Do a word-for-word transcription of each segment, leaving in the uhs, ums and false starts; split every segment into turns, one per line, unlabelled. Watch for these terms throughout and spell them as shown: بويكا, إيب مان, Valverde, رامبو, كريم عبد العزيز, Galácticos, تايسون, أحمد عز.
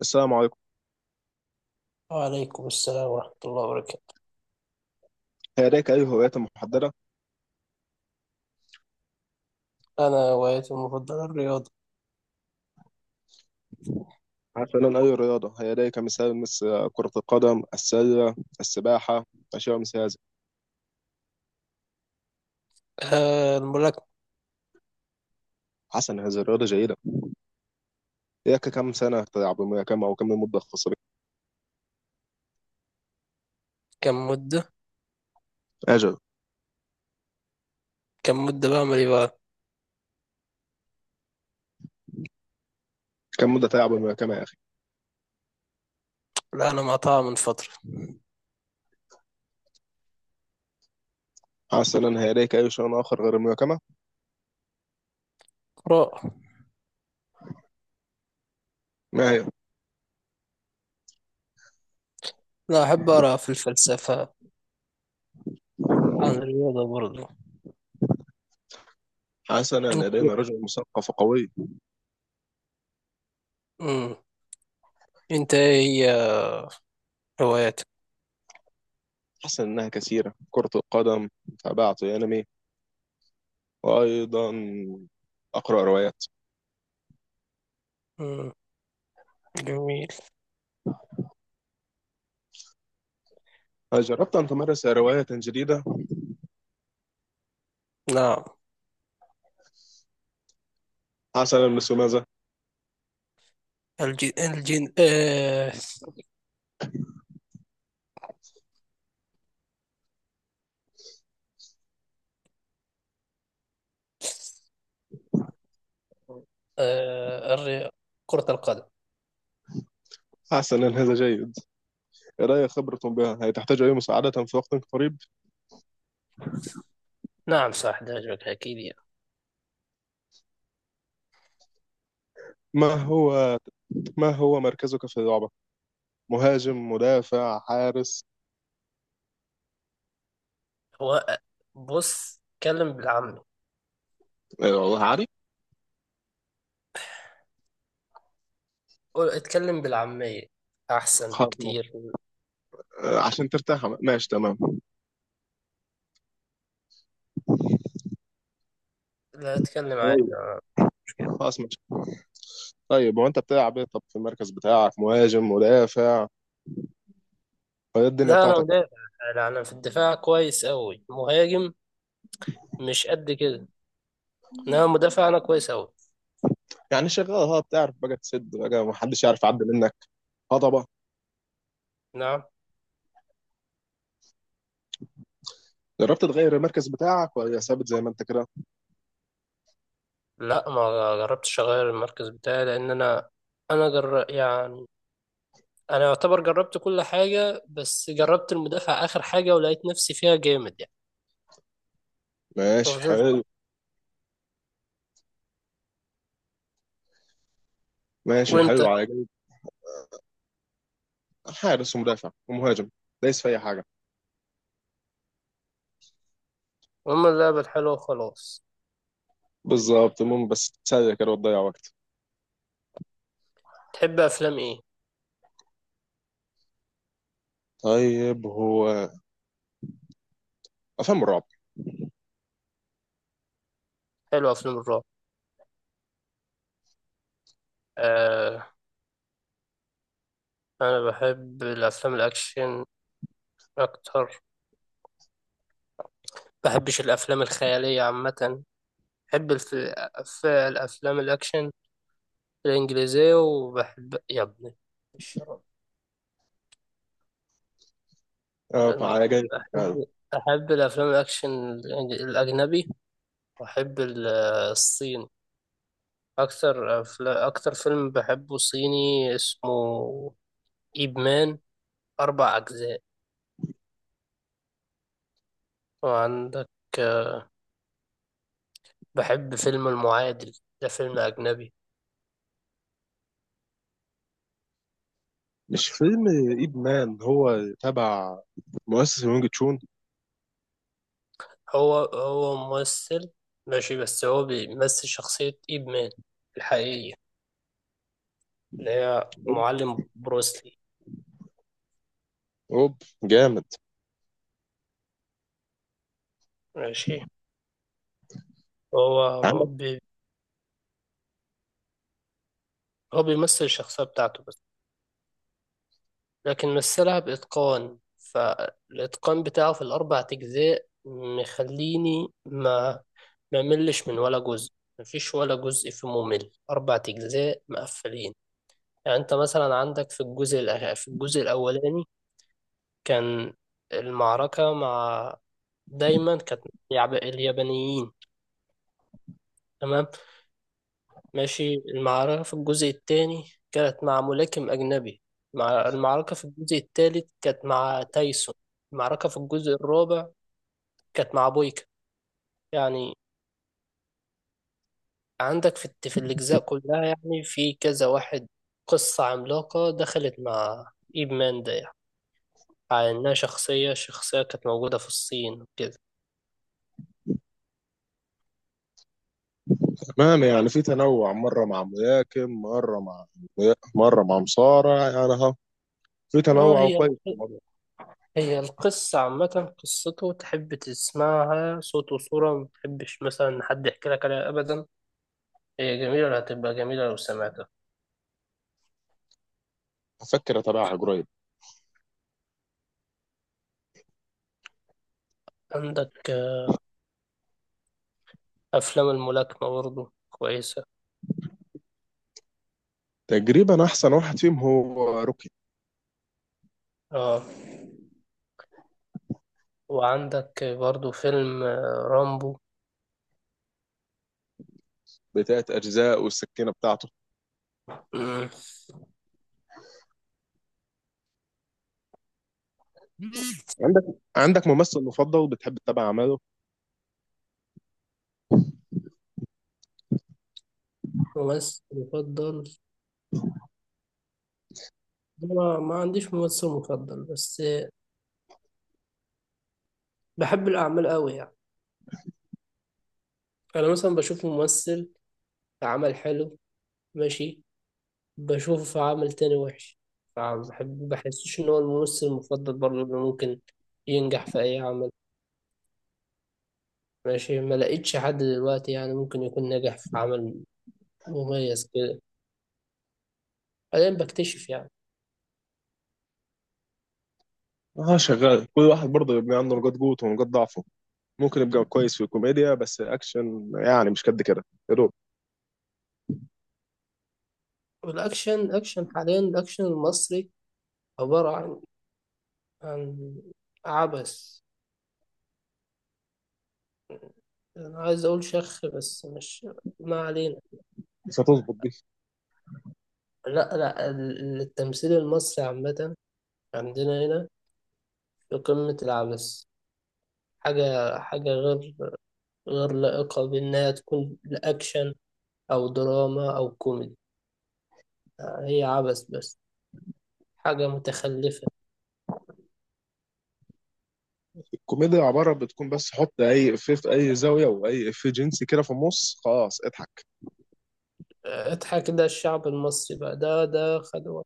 السلام عليكم.
وعليكم السلام ورحمة الله وبركاته.
هيداك أي هوايات محددة؟
أنا هوايتي المفضلة الرياضة.
مثلا أي رياضة، هيداك مثال مثل كرة القدم، السلة، السباحة، أشياء مثل هذا.
آه، الملاكمة.
حسنا، هذه الرياضة جيدة. إياك كم سنة تلعب الملاكمة، أو كم المدة الخاصة بك؟
كم مدة
أجل.
كم مدة بعمل إيه بقى؟
كم مدة تلعب الملاكمة يا أخي؟
لا، أنا مقطعها من فترة.
حسنا، هيداك أي شيء آخر غير الملاكمة؟
قراءة.
ما هي؟
لا، أحب أقرأ في الفلسفة، عن الرياضة برضه.
حسنا،
أنت
لدينا رجل مثقف وقوي.
مم. أنت إيه هي هواياتك؟
حسنا، إنها كثيرة، كرة القدم، تابعت أنمي، وأيضا أقرأ روايات.
مم. جميل.
هل جربت أن تمارس رواية جديدة؟
نعم.
حسنا، مثل ماذا؟
الجن الجن آه آه الري... كرة القدم.
حسنا، هذا جيد، لدي خبرة بها، هي تحتاج أي مساعدة في وقت قريب.
نعم، صح، ده عجبك أكيد يعني.
ما هو، ما هو مركزك في اللعبة؟ مهاجم، مدافع، حارس؟
هو بص اتكلم بالعامي،
آه، والله عارف.
قول- اتكلم بالعامية أحسن
خلاص ماشي.
بكتير.
آه، عشان ترتاح، ماشي تمام.
لا، اتكلم عادي،
طيب،
ما مشكلة.
خلاص ماشي. طيب، هو أنت بتلعب إيه طب في المركز بتاعك؟ مهاجم، مدافع؟ فهي الدنيا
لا، أنا
بتاعتك.
مدافع. لا، أنا في الدفاع كويس أوي، مهاجم مش قد كده، إنما مدافع أنا كويس أوي.
يعني شغال، ها بتعرف بقى تسد بقى محدش يعرف يعدي منك؟ هضبة.
نعم.
جربت تغير المركز بتاعك ولا ثابت زي ما انت كده؟
لا، ما جربتش أغير المركز بتاعي لأن أنا أنا جر... يعني أنا يعتبر جربت كل حاجة، بس جربت المدافع آخر حاجة ولقيت نفسي فيها جامد يعني،
ماشي
ففضلت.
حلو. ماشي
وأنت؟
حلو على جنب. حارس ومدافع ومهاجم، دايس في اي حاجه.
هما اللعبة الحلوة وخلاص.
بالظبط، المهم بس تتسلى كده وتضيع وقت.
تحب أفلام إيه؟
طيب، هو افلام الرعب.
حلوة أفلام الرعب. آه، أنا بحب الأفلام الأكشن أكتر، بحبش الأفلام الخيالية عامة. بحب الف... الف- الأفلام الأكشن الإنجليزية. وبحب يا ابني الشرب.
اه،
أم-
تعالى جاي يعني.
أحب أحب الأفلام الأكشن، الإنج- الأجنبي. وأحب ال- الصيني. أكتر أفل... أكتر فيلم بحبه صيني اسمه إيب مان، أربع أجزاء. وعندك، بحب فيلم المعادل، ده فيلم أجنبي.
مش فيلم ايب مان هو تبع مؤسس وينج تشون؟
هو هو ممثل. ماشي، بس هو بيمثل شخصية إيب مان الحقيقية اللي هي معلم بروسلي.
اوب، جامد.
ماشي. هو
عندك.
م- بي هو بيمثل الشخصية بتاعته بس، لكن مثلها بإتقان، فالإتقان بتاعه في الأربع أجزاء مخليني ما ما ملش من ولا جزء، مفيش ولا جزء فيه ممل، أربع أجزاء مقفلين. يعني أنت مثلا عندك في الجزء الأخ- في الجزء الأولاني، كان المعركة مع دايما كانت مع اليابانيين، تمام؟ ماشي، المعركة في الجزء الثاني كانت مع ملاكم أجنبي، مع المعركة في الجزء الثالث كانت مع تايسون، المعركة في الجزء الرابع كانت مع بويكا. يعني عندك في, الت- في الأجزاء كلها يعني في كذا واحد، قصة عملاقة دخلت مع إيب مان ده، يعني على إنها شخصية شخصية كانت موجودة في الصين وكده.
تمام، يعني في تنوع، مره مع ملاكم، مره مع، مره مع مصارع يعني، ها، في
اه،
تنوع
هي
كويس في الموضوع.
هي القصة عامة، قصته تحب تسمعها صوت وصورة، ما تحبش مثلا إن حد يحكي لك عليها أبدا. هي جميلة، هتبقى جميلة لو سمعتها.
هفكر اتابعها قريب.
عندك آه، أفلام الملاكمة برضه كويسة.
تقريبا احسن واحد فيهم هو روكي،
اه، وعندك آه، برضه فيلم آه، رامبو.
بتلات اجزاء والسكينه بتاعته.
مم.
عندك، عندك ممثل مفضل بتحب تتابع اعماله؟
ممثل مفضل. أنا ما عنديش ممثل مفضل، بس آه، بحب الأعمال أوي يعني. أنا مثلا بشوف ممثل عمل حلو، ماشي، بشوفه في عمل تاني وحش. فبحب بحسش ان هو الممثل المفضل برضه اللي ممكن ينجح في اي عمل. ماشي، ما لقيتش حد دلوقتي يعني ممكن يكون ناجح في عمل مميز كده. حاليا بكتشف يعني.
اه شغال، كل واحد برضه يبقى عنده نقاط قوته ونقاط ضعفه. ممكن يبقى كويس في الكوميديا بس اكشن يعني مش قد كده، يا دوب.
والاكشن اكشن حاليا، الاكشن المصري عبارة عن عن عبث. انا عايز اقول شخ بس مش، ما علينا.
مش هتظبط دي.
لا لا، ال- التمثيل المصري عامة عندنا هنا في قمة العبث. حاجة حاجة غير غير لائقة بأنها تكون لأكشن أو دراما أو كوميدي، هي عبث بس، حاجة متخلفة.
الكوميديا عباره بتكون بس حط اي افيه في اي زاويه واي افيه جنسي كده في النص، خلاص اضحك.
اضحك ده الشعب المصري بقى، ده ده خدوة،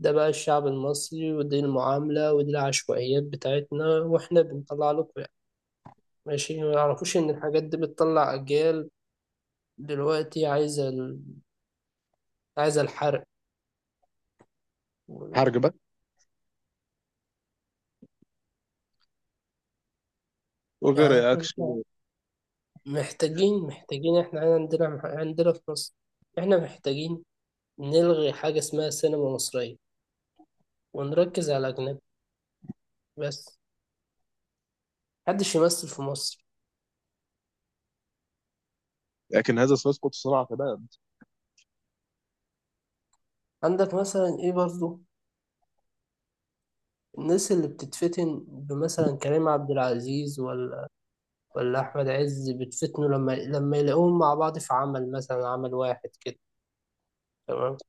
ده بقى الشعب المصري، ودي المعاملة، ودي العشوائيات بتاعتنا، وإحنا بنطلع لكم يعني. ماشي، ما يعرفوش إن الحاجات دي بتطلع أجيال. دلوقتي عايزة ال... عايزة الحرق. و-
حرج بقى،
يعني
وغير
إحنا
اكشن.
محتاجين محتاجين إحنا عندنا عندنا في مصر، إحنا محتاجين نلغي حاجة اسمها سينما مصرية ونركز على أجنبي بس، محدش يمثل في مصر.
لكن هذا سيسقط صناعه، تمام.
عندك مثلا إيه برضو، الناس اللي بتتفتن بمثلا كريم عبد العزيز ولا ولا أحمد عز بتفتنوا لما لما يلاقوهم مع بعض في عمل مثلا، عمل واحد كده، تمام؟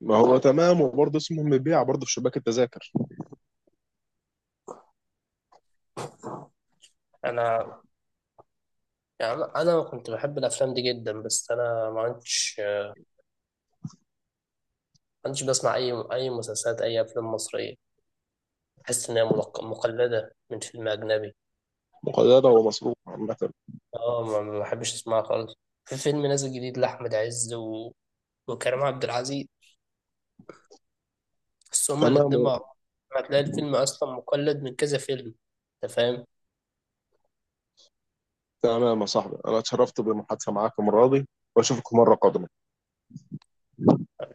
ما هو تمام، وبرضه اسمه مبيع برضه في شباك التذاكر.
أنا يعني، أنا كنت بحب الأفلام دي جدا، بس أنا ما عندش ما عندش بسمع أي أي مسلسلات أي أفلام مصرية، بحس إن هي ملق- مقلدة من فيلم أجنبي.
مقيده ومصروف عامه.
اه، ما ما بحبش اسمعها خالص. في فيلم نازل جديد لأحمد عز و... وكريم عبد العزيز، بس هما الاتنين مع
تمام.
بعض، هتلاقي الفيلم أصلا مقلد من كذا فيلم. أنت فاهم؟
تمام يا صاحبي، انا اتشرفت بالمحادثه معاك المره دي، واشوفك مره قادمه.